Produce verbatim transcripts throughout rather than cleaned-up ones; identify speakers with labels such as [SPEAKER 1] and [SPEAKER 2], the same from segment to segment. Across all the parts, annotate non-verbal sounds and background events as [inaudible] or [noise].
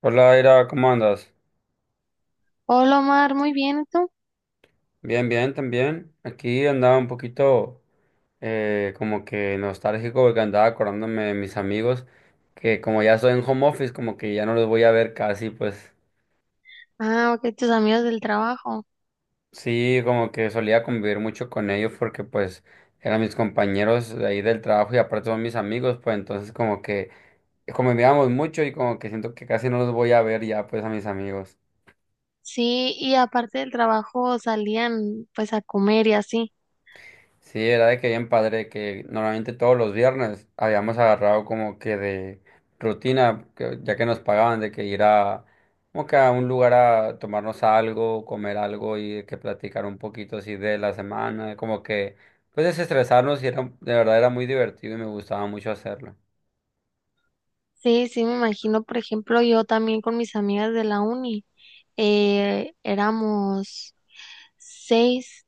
[SPEAKER 1] Hola, Ira, ¿cómo andas?
[SPEAKER 2] Hola Omar, muy bien, ¿y tú?
[SPEAKER 1] Bien, bien, también. Aquí andaba un poquito eh, como que nostálgico porque andaba acordándome de mis amigos que como ya estoy en home office, como que ya no los voy a ver casi, pues
[SPEAKER 2] Ah, ok, tus amigos del trabajo.
[SPEAKER 1] sí, como que solía convivir mucho con ellos porque pues eran mis compañeros de ahí del trabajo y aparte son mis amigos, pues entonces como que convivíamos mucho y como que siento que casi no los voy a ver ya pues a mis amigos.
[SPEAKER 2] Sí, y aparte del trabajo salían pues a comer y así.
[SPEAKER 1] Sí, era de que bien padre, que normalmente todos los viernes habíamos agarrado como que de rutina, que- ya que nos pagaban de que ir a como que a un lugar a tomarnos algo, comer algo y de que platicar un poquito así de la semana, como que pues desestresarnos y era, de verdad era muy divertido y me gustaba mucho hacerlo.
[SPEAKER 2] Sí, sí, me imagino, por ejemplo, yo también con mis amigas de la uni, eh, éramos seis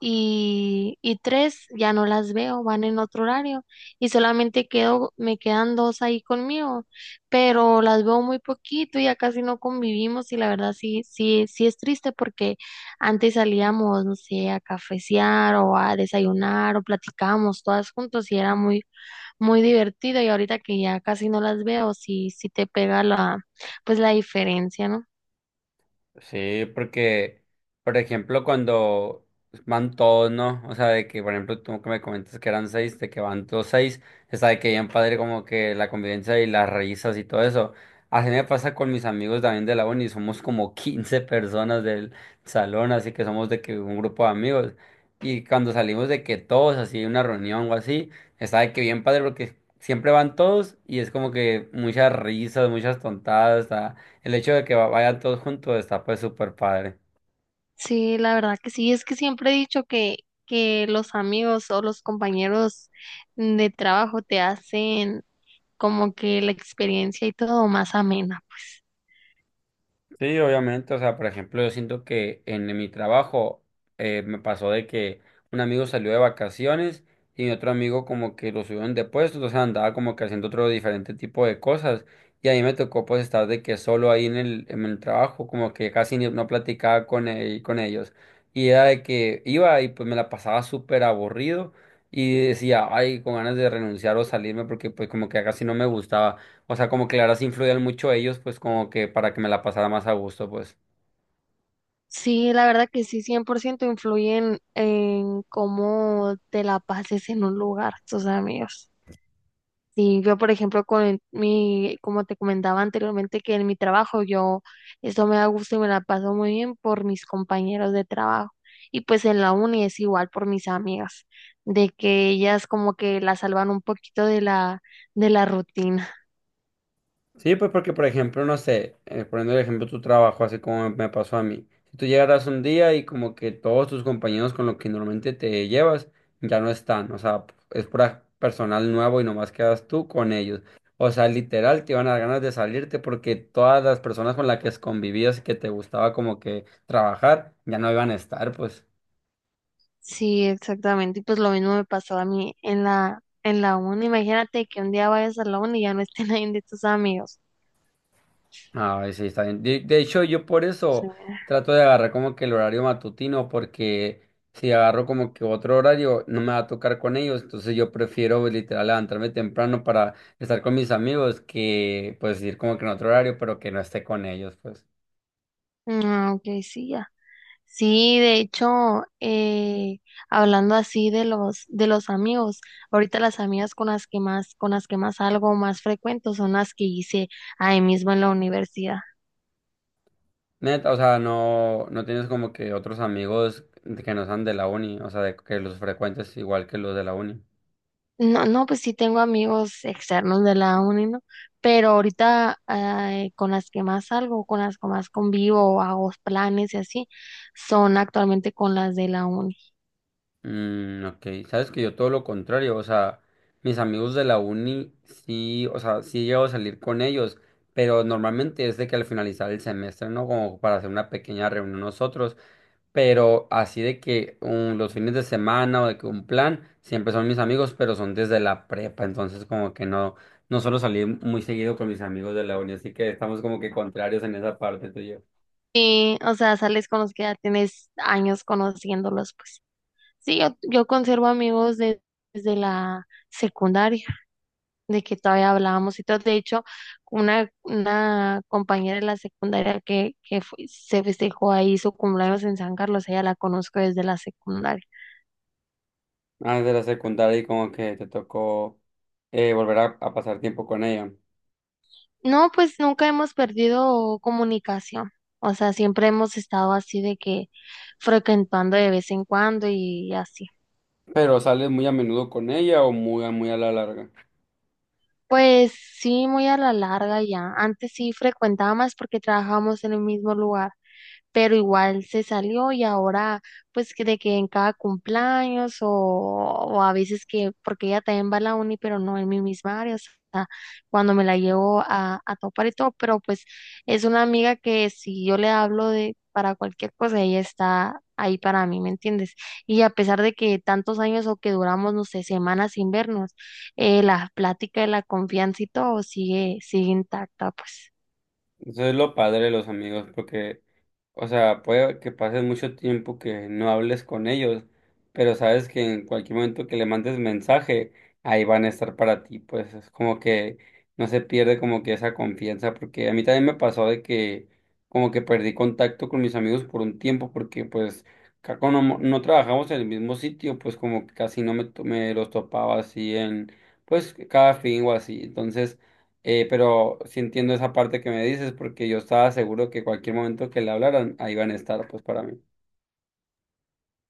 [SPEAKER 2] y, y tres ya no las veo, van en otro horario y solamente quedo, me quedan dos ahí conmigo, pero las veo muy poquito, y ya casi no convivimos y la verdad sí, sí, sí es triste porque antes salíamos, no sé, a cafecear o a desayunar o platicábamos todas juntos y era muy, muy divertido y ahorita que ya casi no las veo, sí, sí te pega la, pues la diferencia, ¿no?
[SPEAKER 1] Sí, porque, por ejemplo, cuando van todos, ¿no? O sea, de que, por ejemplo, tú que me comentas que eran seis, de que van todos seis, está de que bien padre como que la convivencia y las risas y todo eso. Así me pasa con mis amigos también de la uni, somos como [laughs] quince personas del salón, así que somos de que un grupo de amigos. Y cuando salimos de que todos, así, una reunión o así, está de que bien padre porque siempre van todos y es como que muchas risas, muchas tontadas, el hecho de que va- vayan todos juntos está pues súper padre.
[SPEAKER 2] Sí, la verdad que sí, es que siempre he dicho que, que los amigos o los compañeros de trabajo te hacen como que la experiencia y todo más amena, pues.
[SPEAKER 1] Sí, obviamente, o sea, por ejemplo, yo siento que en mi trabajo eh, me pasó de que un amigo salió de vacaciones y otro amigo como que lo subieron de puesto, o sea, andaba como que haciendo otro diferente tipo de cosas y a mí me tocó pues estar de que solo ahí en el, en el trabajo, como que casi ni- no platicaba con, el- con ellos y era de que iba y pues me la pasaba súper aburrido y decía, ay, con ganas de renunciar o salirme porque pues como que casi no me gustaba. O sea, como que la verdad sí influían mucho ellos, pues como que para que me la pasara más a gusto, pues.
[SPEAKER 2] Sí, la verdad que sí, cien por ciento influyen en cómo te la pases en un lugar, tus amigos. Sí, yo por ejemplo con mi, como te comentaba anteriormente que en mi trabajo yo eso me da gusto y me la paso muy bien por mis compañeros de trabajo y pues en la uni es igual por mis amigas, de que ellas como que la salvan un poquito de la de la rutina.
[SPEAKER 1] Sí, pues porque, por ejemplo, no sé, eh, poniendo el ejemplo tu trabajo, así como me pasó a mí. Si tú llegaras un día y como que todos tus compañeros con los que normalmente te llevas ya no están, o sea, es pura personal nuevo y nomás quedas tú con ellos. O sea, literal, te iban a dar ganas de salirte porque todas las personas con las que convivías y que te gustaba como que trabajar ya no iban a estar, pues.
[SPEAKER 2] Sí, exactamente, y pues lo mismo me pasó a mí en la en la uni. Imagínate que un día vayas a la uni y ya no esté nadie [laughs] de tus amigos.
[SPEAKER 1] Ah, sí, está bien. De, de hecho, yo por
[SPEAKER 2] Sí.
[SPEAKER 1] eso trato de agarrar como que el horario matutino, porque si agarro como que otro horario, no me va a tocar con ellos. Entonces yo prefiero pues, literal levantarme temprano para estar con mis amigos que pues ir como que en otro horario, pero que no esté con ellos, pues.
[SPEAKER 2] Ah, ok, sí, sí, de hecho, eh, hablando así de los de los amigos, ahorita las amigas con las que más con las que más salgo más frecuento son las que hice ahí mismo en la universidad.
[SPEAKER 1] Neta, o sea, no, no tienes como que otros amigos que no sean de la uni, o sea, de, que los frecuentes igual que los de la uni.
[SPEAKER 2] No, no, pues sí tengo amigos externos de la uni, ¿no? Pero ahorita eh, con las que más salgo, con las que más convivo, hago planes y así, son actualmente con las de la uni.
[SPEAKER 1] Mm, ok, sabes que yo todo lo contrario, o sea, mis amigos de la uni, sí, o sea, sí llego a salir con ellos, pero normalmente es de que al finalizar el semestre, ¿no? Como para hacer una pequeña reunión nosotros, pero así de que um, los fines de semana o de que un plan, siempre son mis amigos, pero son desde la prepa, entonces como que no, no suelo salir muy seguido con mis amigos de la uni, así que estamos como que contrarios en esa parte tú y yo.
[SPEAKER 2] Y, o sea, sales con los que ya tienes años conociéndolos, pues. Sí, yo, yo conservo amigos de- desde la secundaria, de que todavía hablábamos y todo. De hecho, una, una compañera de la secundaria que, que fue- se festejó ahí su cumpleaños en San Carlos, ella la conozco desde la secundaria.
[SPEAKER 1] Ah, de la secundaria y como que te tocó eh, volver a a pasar tiempo con ella.
[SPEAKER 2] No, pues nunca hemos perdido comunicación. O sea, siempre hemos estado así de que frecuentando de vez en cuando y así.
[SPEAKER 1] Pero sales muy a menudo con ella o muy, a- muy a la larga.
[SPEAKER 2] Pues sí, muy a la larga ya. Antes sí frecuentaba más porque trabajábamos en el mismo lugar, pero igual se salió y ahora pues que de que en cada cumpleaños o, o a veces que, porque ella también va a la uni, pero no en mi misma área, o sea, cuando me la llevo a, a topar y todo, pero pues es una amiga que si yo le hablo de para cualquier cosa, ella está ahí para mí, ¿me entiendes? Y a pesar de que tantos años o que duramos, no sé, semanas sin vernos, eh, la plática de la confianza y todo sigue, sigue intacta, pues.
[SPEAKER 1] Eso es lo padre de los amigos, porque o sea, puede que pases mucho tiempo que no hables con ellos, pero sabes que en cualquier momento que le mandes mensaje, ahí van a estar para ti. Pues es como que no se pierde como que esa confianza, porque a mí también me pasó de que como que perdí contacto con mis amigos por un tiempo, porque pues ca- como no, no trabajamos en el mismo sitio, pues como que casi no me, to- me los topaba así en, pues cada fin o así. Entonces… Eh, pero sí entiendo esa parte que me dices, porque yo estaba seguro que cualquier momento que le hablaran, ahí van a estar, pues para mí.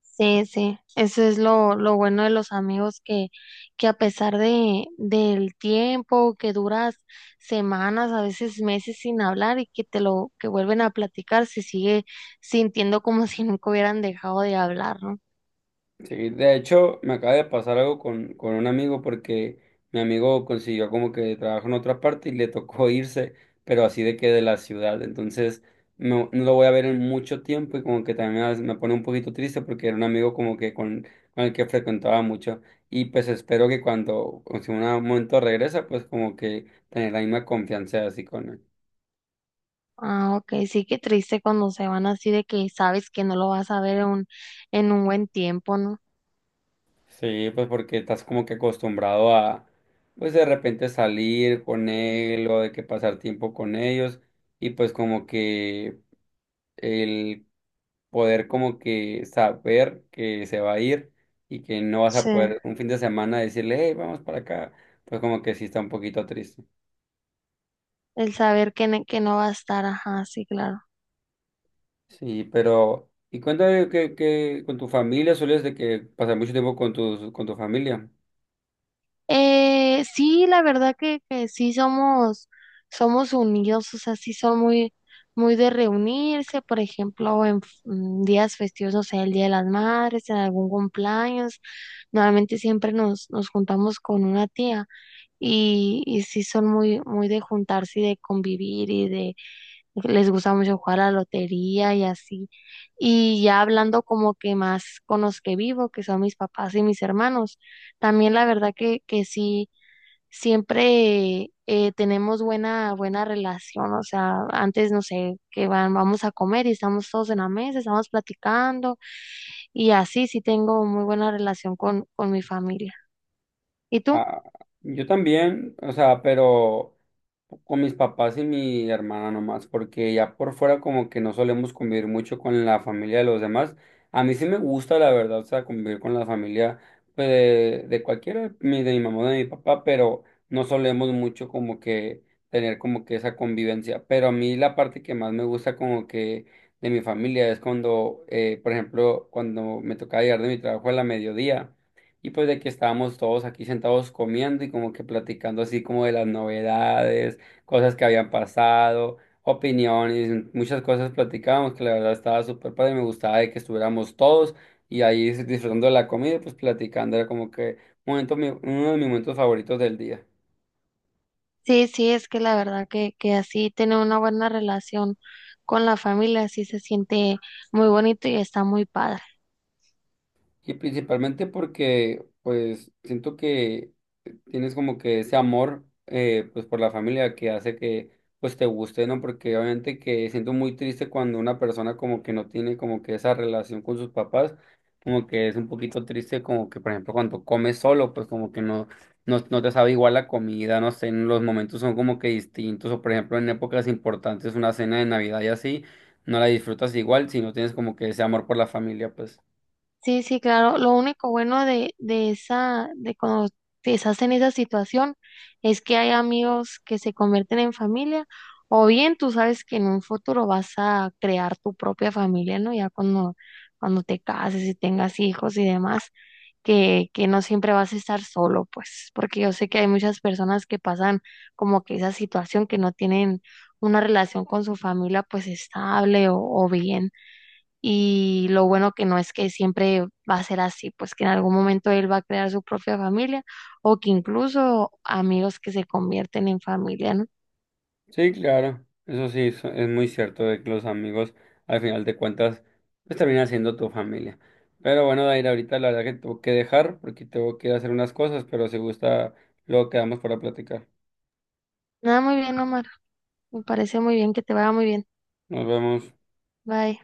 [SPEAKER 2] Sí, sí, eso es lo, lo bueno de los amigos que, que a pesar de, del tiempo que duras semanas, a veces meses sin hablar y que te lo, que vuelven a platicar, se sigue sintiendo como [laughs] si nunca hubieran dejado de hablar, ¿no?
[SPEAKER 1] Sí, de hecho, me acaba de pasar algo con, con un amigo, porque mi amigo consiguió como que trabajo en otra parte y le tocó [laughs] irse, pero así de que de la ciudad. Entonces, no, no lo voy a ver en mucho tiempo y como que también a veces me pone un poquito triste porque era un amigo como que con, con el que frecuentaba mucho. Y pues espero que cuando, si en un momento regresa, pues como que tener la misma confianza así con él.
[SPEAKER 2] Ah, ok, sí, qué triste cuando se van así de que sabes que no lo vas a ver en un, en un buen tiempo, ¿no?
[SPEAKER 1] Sí, pues porque estás como que acostumbrado a, pues de repente salir con él o de que pasar tiempo con ellos y pues como que el poder como que saber que se va a ir y que no vas
[SPEAKER 2] Sí,
[SPEAKER 1] a poder un fin de semana decirle, hey, vamos para acá, pues como que sí está un poquito triste.
[SPEAKER 2] el saber que, ne- que no va a estar, ajá, sí, claro.
[SPEAKER 1] Sí, pero, y cuéntame que, que con tu familia sueles de que pasar mucho tiempo con tus, con tu familia.
[SPEAKER 2] Eh, sí, la verdad que, que sí somos, somos unidos, o sea, sí son muy, muy de reunirse, por ejemplo, en, f- en días festivos, no sé el Día de las Madres, en algún cumpleaños, normalmente siempre nos, nos juntamos con una tía y, y sí son muy, muy de juntarse y de convivir y de, les gusta mucho jugar a la lotería y así. Y ya hablando como que más con los que vivo, que son mis papás y mis hermanos, también la verdad que, que sí siempre eh, tenemos buena, buena relación, o sea, antes, no sé, que van, vamos a comer y estamos todos en la mesa, estamos platicando y así sí tengo muy buena relación con, con mi familia. ¿Y tú?
[SPEAKER 1] Ah, yo también, o sea, pero con mis papás y mi hermana nomás, porque ya por fuera como que no solemos convivir mucho con la familia de los demás. A mí sí me gusta, la verdad, o sea, convivir con la familia pues, de, de cualquiera, mi- de mi mamá, de mi papá, pero no solemos mucho como que tener como que esa convivencia. Pero a mí la parte que más me gusta como que de mi familia es cuando, eh, por ejemplo, cuando me tocaba llegar de mi trabajo a la mediodía. Y pues de que estábamos todos aquí sentados comiendo y como que platicando así como de las novedades, cosas que habían pasado, opiniones, muchas cosas platicábamos que la verdad estaba súper padre, me gustaba de que estuviéramos todos y ahí disfrutando de la comida y pues platicando, era como que momento, mi- uno de mis momentos favoritos del día.
[SPEAKER 2] Sí, sí, es que la verdad que, que así tener una buena relación con la familia, así se siente muy bonito y está muy padre.
[SPEAKER 1] Y principalmente porque, pues, siento que tienes como que ese amor, eh, pues, por la familia que hace que, pues, te guste, ¿no? Porque obviamente que siento muy triste cuando una persona como que no tiene como que esa relación con sus papás, como que es un poquito triste como que, por ejemplo, cuando comes solo, pues, como que no, no, no te sabe igual la comida, no sé, los momentos son como que distintos, o por ejemplo, en épocas importantes, una cena de Navidad y así, no la disfrutas igual si no tienes como que ese amor por la familia, pues.
[SPEAKER 2] Sí, sí, claro. Lo único bueno de, de esa, de cuando estás en esa situación es que hay amigos que se convierten en familia, o bien tú sabes que en un futuro vas a crear tu propia familia, ¿no? Ya cuando, cuando te cases y tengas hijos y demás, que, que no siempre vas a estar solo, pues, porque yo sé que hay muchas personas que pasan como que esa situación que no tienen una relación con su familia pues estable o, o bien. Y lo bueno que no es que siempre va a ser así, pues que en algún momento él va a crear su propia familia o que incluso amigos que se convierten en familia, ¿no?
[SPEAKER 1] Sí, claro, eso sí, so- es muy cierto de que los amigos, al final de cuentas, pues terminan siendo tu familia. Pero bueno, Daira, ahorita la verdad que tengo que dejar porque tengo que ir a hacer unas cosas, pero si gusta, luego quedamos para platicar.
[SPEAKER 2] Nada, muy bien, Omar. Me parece muy bien que te vaya muy bien.
[SPEAKER 1] Nos vemos.
[SPEAKER 2] Bye.